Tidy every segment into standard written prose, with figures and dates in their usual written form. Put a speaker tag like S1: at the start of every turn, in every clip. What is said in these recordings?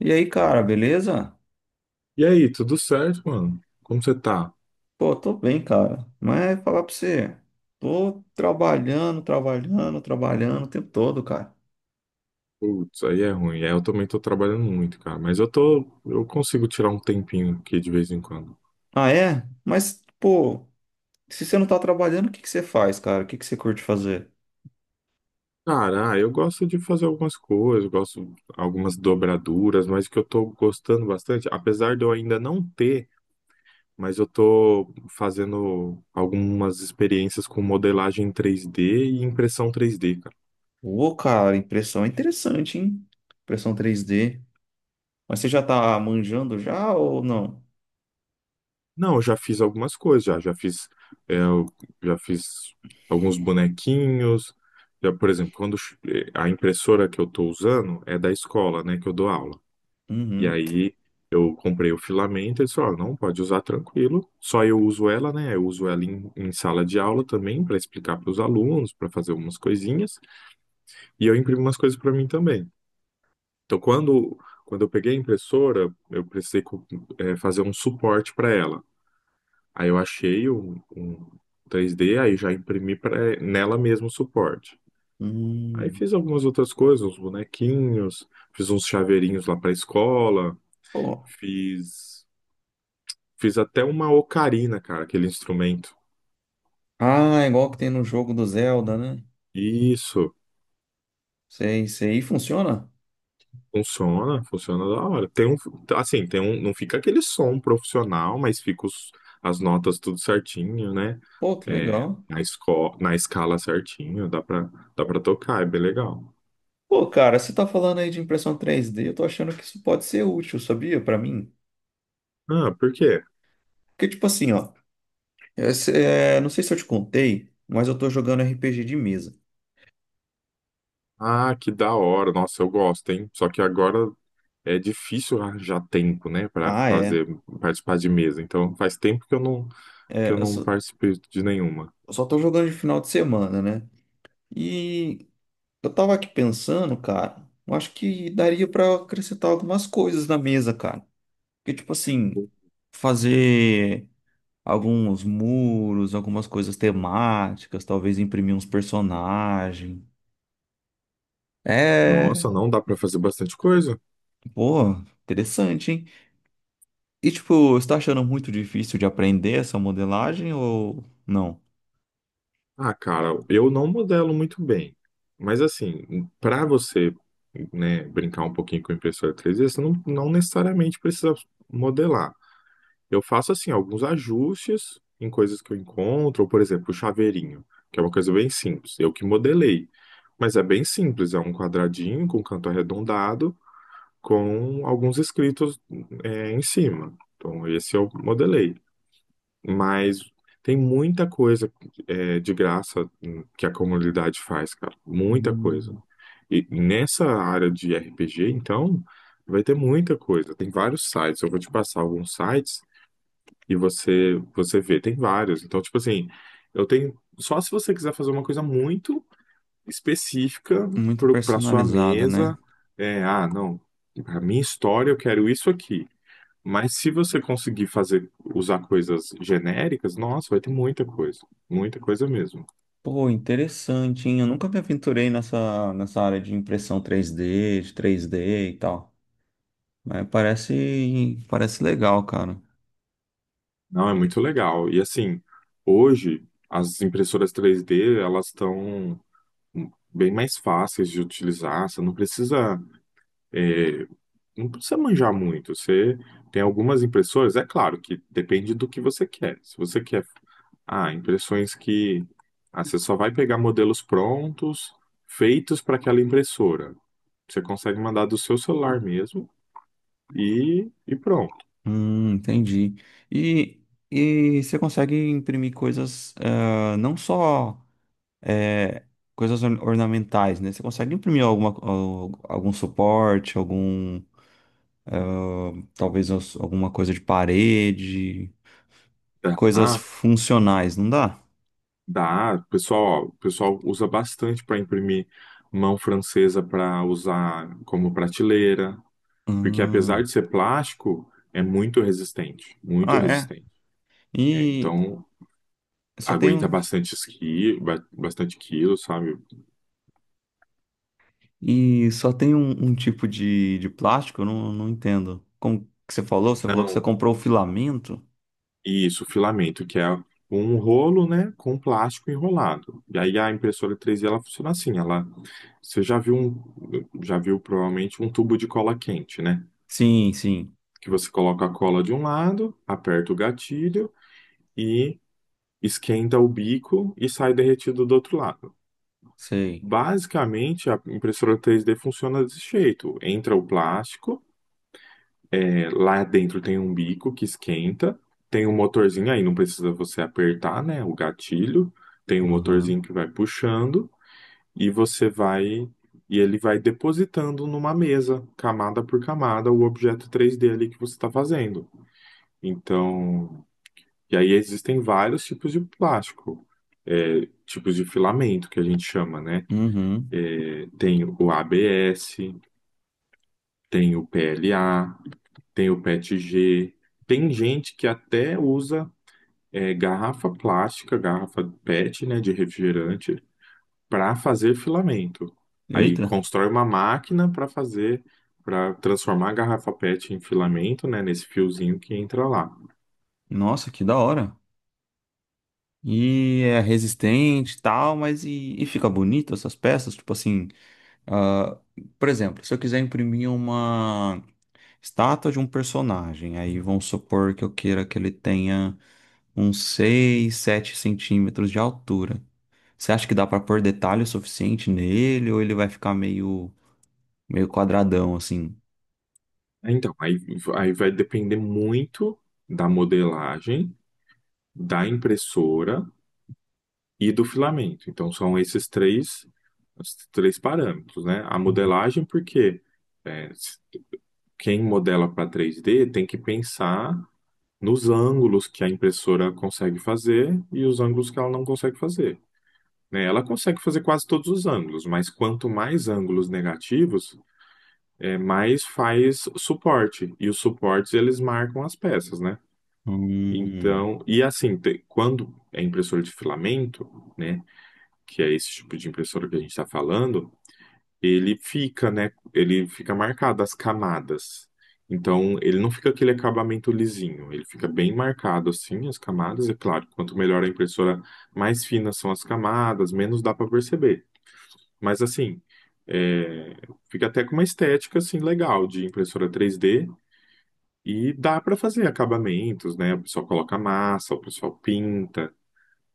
S1: E aí, cara, beleza?
S2: E aí, tudo certo, mano? Como você tá?
S1: Pô, tô bem, cara. Mas falar pra você, tô trabalhando o tempo todo, cara.
S2: Putz, aí é ruim. É, eu também tô trabalhando muito, cara. Mas eu tô, eu consigo tirar um tempinho aqui de vez em quando.
S1: Ah, é? Mas, pô, se você não tá trabalhando, o que que você faz, cara? O que que você curte fazer?
S2: Cara, eu gosto de fazer algumas coisas, gosto de algumas dobraduras, mas o que eu tô gostando bastante, apesar de eu ainda não ter, mas eu tô fazendo algumas experiências com modelagem 3D e impressão 3D.
S1: Ô, cara, impressão é interessante, hein? Impressão três d. Mas você já tá manjando já ou não?
S2: Não, eu já fiz algumas coisas, já, já fiz, é, eu já fiz alguns bonequinhos. Já, por exemplo, a impressora que eu estou usando é da escola, né, que eu dou aula. E
S1: Uhum.
S2: aí eu comprei o filamento, eles falaram, não, pode usar tranquilo. Só eu uso ela, né? Eu uso ela em sala de aula também para explicar para os alunos, para fazer algumas coisinhas. E eu imprimo umas coisas para mim também. Então, quando eu peguei a impressora, eu precisei fazer um suporte para ela. Aí eu achei um 3D, aí já imprimi pra, nela mesmo o suporte. Aí
S1: Hum.
S2: fiz algumas outras coisas, uns bonequinhos, fiz uns chaveirinhos lá pra escola,
S1: Pô.
S2: fiz, fiz até uma ocarina, cara, aquele instrumento.
S1: Ah, igual que tem no jogo do Zelda, né?
S2: Isso,
S1: Sei, sei. E funciona?
S2: funciona, funciona da hora. Assim, tem um, não fica aquele som profissional, mas fica os, as notas tudo certinho, né?
S1: Pô, que
S2: É,
S1: legal.
S2: na escala certinho, dá pra tocar, é bem legal.
S1: Pô, cara, você tá falando aí de impressão três d, eu tô achando que isso pode ser útil, sabia? Pra mim.
S2: Ah, por quê?
S1: Porque, tipo assim, ó, é, não sei se eu te contei, mas eu tô jogando RPG de mesa.
S2: Ah, que da hora. Nossa, eu gosto, hein? Só que agora é difícil arranjar tempo, né, pra
S1: Ah, é.
S2: fazer participar de mesa. Então, faz tempo que eu não
S1: É,
S2: participei de nenhuma.
S1: eu só tô jogando de final de semana, né? E eu tava aqui pensando, cara, eu acho que daria pra acrescentar algumas coisas na mesa, cara. Porque, tipo assim, fazer alguns muros, algumas coisas temáticas, talvez imprimir uns personagens. É.
S2: Nossa, não dá pra fazer bastante coisa?
S1: Pô, interessante, hein? E tipo, você tá achando muito difícil de aprender essa modelagem ou não?
S2: Ah, cara, eu não modelo muito bem. Mas assim, pra você, né, brincar um pouquinho com a impressora 3D, você não, não necessariamente precisa modelar. Eu faço assim alguns ajustes em coisas que eu encontro, ou, por exemplo, o chaveirinho, que é uma coisa bem simples. Eu que modelei, mas é bem simples, é um quadradinho com canto arredondado com alguns escritos em cima. Então, esse eu modelei. Mas tem muita coisa de graça que a comunidade faz, cara. Muita coisa.
S1: Hum,
S2: E nessa área de RPG, então, vai ter muita coisa. Tem vários sites. Eu vou te passar alguns sites e você vê, tem vários. Então, tipo assim, eu tenho só se você quiser fazer uma coisa muito específica
S1: muito
S2: para sua
S1: personalizada, né?
S2: mesa, não, a minha história eu quero isso aqui. Mas se você conseguir fazer usar coisas genéricas, nossa, vai ter muita coisa mesmo.
S1: Pô, interessante, hein? Eu nunca me aventurei nessa área de impressão três d, e tal. Mas parece legal, cara.
S2: Não, é muito legal. E assim, hoje as impressoras três d elas estão bem mais fáceis de utilizar, você não precisa é, não precisa manjar muito. Você tem algumas impressoras, é claro que depende do que você quer. Se você quer, impressões que você só vai pegar modelos prontos, feitos para aquela impressora. Você consegue mandar do seu celular mesmo e pronto.
S1: Entendi. E, e você consegue imprimir coisas, eh, não só. É, coisas ornamentais, né? Você consegue imprimir alguma, algum suporte, algum, talvez alguma coisa de parede, coisas
S2: Dá,
S1: funcionais, não dá?
S2: dá. O pessoal usa bastante para imprimir mão francesa para usar como prateleira, porque apesar
S1: Hum.
S2: de ser plástico, é muito resistente, muito
S1: Ah, é.
S2: resistente. É,
S1: E
S2: então
S1: só tem
S2: aguenta
S1: um,
S2: bastante bastante quilo, sabe?
S1: e só tem um, um tipo de plástico? Eu não entendo. Como que você falou? Você falou que você
S2: Não,
S1: comprou o filamento?
S2: isso, filamento, que é um rolo, né, com plástico enrolado. E aí a impressora 3D ela funciona assim, ela você já viu provavelmente um tubo de cola quente, né?
S1: Sim, sim,
S2: Que você coloca a cola de um lado, aperta o gatilho e esquenta o bico e sai derretido do outro lado.
S1: sei.
S2: Basicamente, a impressora 3D funciona desse jeito. Entra o plástico. Lá dentro tem um bico que esquenta, tem um motorzinho aí, não precisa você apertar, né, o gatilho. Tem um motorzinho
S1: Uhum.
S2: que vai puxando e você vai e ele vai depositando numa mesa, camada por camada, o objeto 3D ali que você está fazendo. Então, e aí existem vários tipos de plástico, é, tipos de filamento que a gente chama, né?
S1: Uhum.
S2: É, tem o ABS, tem o PLA, tem o PETG, tem gente que até usa garrafa plástica, garrafa PET, né, de refrigerante, para fazer filamento. Aí
S1: Eita,
S2: constrói uma máquina para fazer, para transformar a garrafa PET em filamento, né, nesse fiozinho que entra lá.
S1: nossa, que da hora. E é resistente e tal, mas e fica bonito essas peças? Tipo assim, ah, por exemplo, se eu quiser imprimir uma estátua de um personagem, aí vamos supor que eu queira que ele tenha uns 6, 7 centímetros de altura. Você acha que dá pra pôr detalhe o suficiente nele ou ele vai ficar meio, meio quadradão assim?
S2: Então, aí, aí vai depender muito da modelagem, da impressora e do filamento. Então, são esses os três parâmetros, né? A modelagem, porque quem modela para 3D tem que pensar nos ângulos que a impressora consegue fazer e os ângulos que ela não consegue fazer. Né? Ela consegue fazer quase todos os ângulos, mas quanto mais ângulos negativos, mais faz suporte. E os suportes eles marcam as peças, né?
S1: Hum,
S2: Então, quando é impressora de filamento, né, que é esse tipo de impressora que a gente está falando, ele fica, né? Ele fica marcado as camadas. Então, ele não fica aquele acabamento lisinho, ele fica bem marcado assim, as camadas. É claro, quanto melhor a impressora, mais finas são as camadas, menos dá para perceber. Mas assim, é, fica até com uma estética assim legal de impressora 3D e dá para fazer acabamentos, né? O pessoal coloca massa, o pessoal pinta,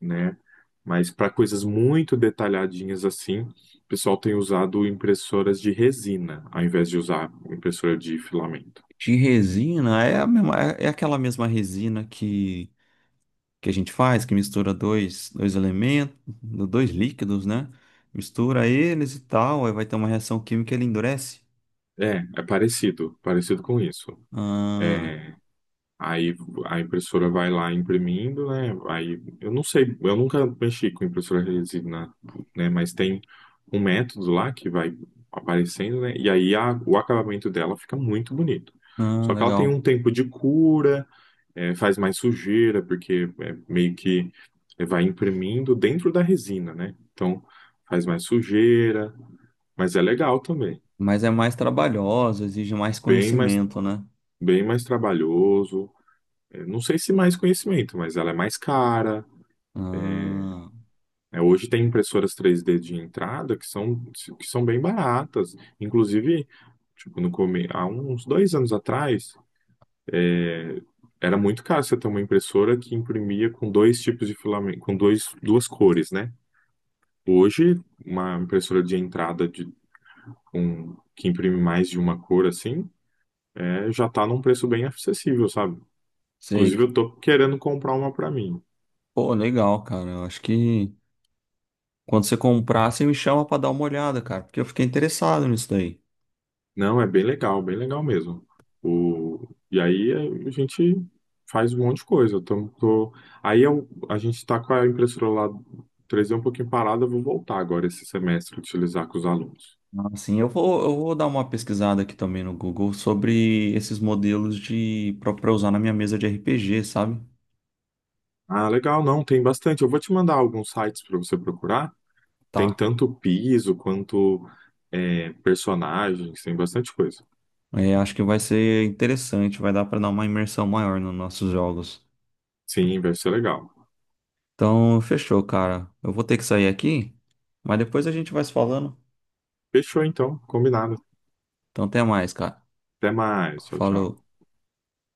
S2: né? Mas para coisas muito detalhadinhas assim, o pessoal tem usado impressoras de resina, ao invés de usar impressora de filamento.
S1: de resina, é a mesma, é é aquela mesma resina que a gente faz, que mistura dois, dois elementos, dois líquidos, né? Mistura eles e tal, aí vai ter uma reação química e ele endurece.
S2: É, é parecido, parecido com isso.
S1: Ah,
S2: É, aí a impressora vai lá imprimindo, né? Aí eu não sei, eu nunca mexi com impressora resina, né? Mas tem um método lá que vai aparecendo, né? E aí o acabamento dela fica muito bonito.
S1: ah,
S2: Só que ela tem
S1: legal.
S2: um tempo de cura, faz mais sujeira, porque meio que vai imprimindo dentro da resina, né? Então faz mais sujeira, mas é legal também.
S1: Mas é mais trabalhosa, exige mais
S2: Bem mais,
S1: conhecimento, né?
S2: bem mais trabalhoso. É, não sei se mais conhecimento, mas ela é mais cara.
S1: Ah,
S2: É, hoje tem impressoras três d de entrada que são bem baratas. Inclusive, tipo, no come... há uns 2 anos atrás, é, era muito caro você ter uma impressora que imprimia com dois tipos de filamento, com duas cores, né? Hoje, uma impressora de entrada de, com, que imprime mais de uma cor assim, já tá num preço bem acessível, sabe?
S1: sei
S2: Inclusive, eu
S1: que.
S2: tô querendo comprar uma pra mim.
S1: Pô, legal, cara. Eu acho que quando você comprar, você me chama pra dar uma olhada, cara, porque eu fiquei interessado nisso daí.
S2: Não, é bem legal mesmo. O, a gente faz um monte de coisa. Eu tô, tô- aí eu- a gente tá com a impressora lá três d um pouquinho parada, eu vou voltar agora esse semestre utilizar com os alunos.
S1: Assim, eu vou dar uma pesquisada aqui também no Google sobre esses modelos de para usar na minha mesa de RPG, sabe?
S2: Ah, legal, não, tem bastante. Eu vou te mandar alguns sites para você procurar. Tem
S1: Tá.
S2: tanto piso quanto personagens, tem bastante coisa.
S1: É, acho que vai ser interessante, vai dar pra dar uma imersão maior nos nossos jogos.
S2: Sim, vai ser legal.
S1: Então, fechou, cara. Eu vou ter que sair aqui, mas depois a gente vai se falando.
S2: Fechou então, combinado.
S1: Então, até mais, cara.
S2: Até mais. Tchau,
S1: Falou.
S2: tchau.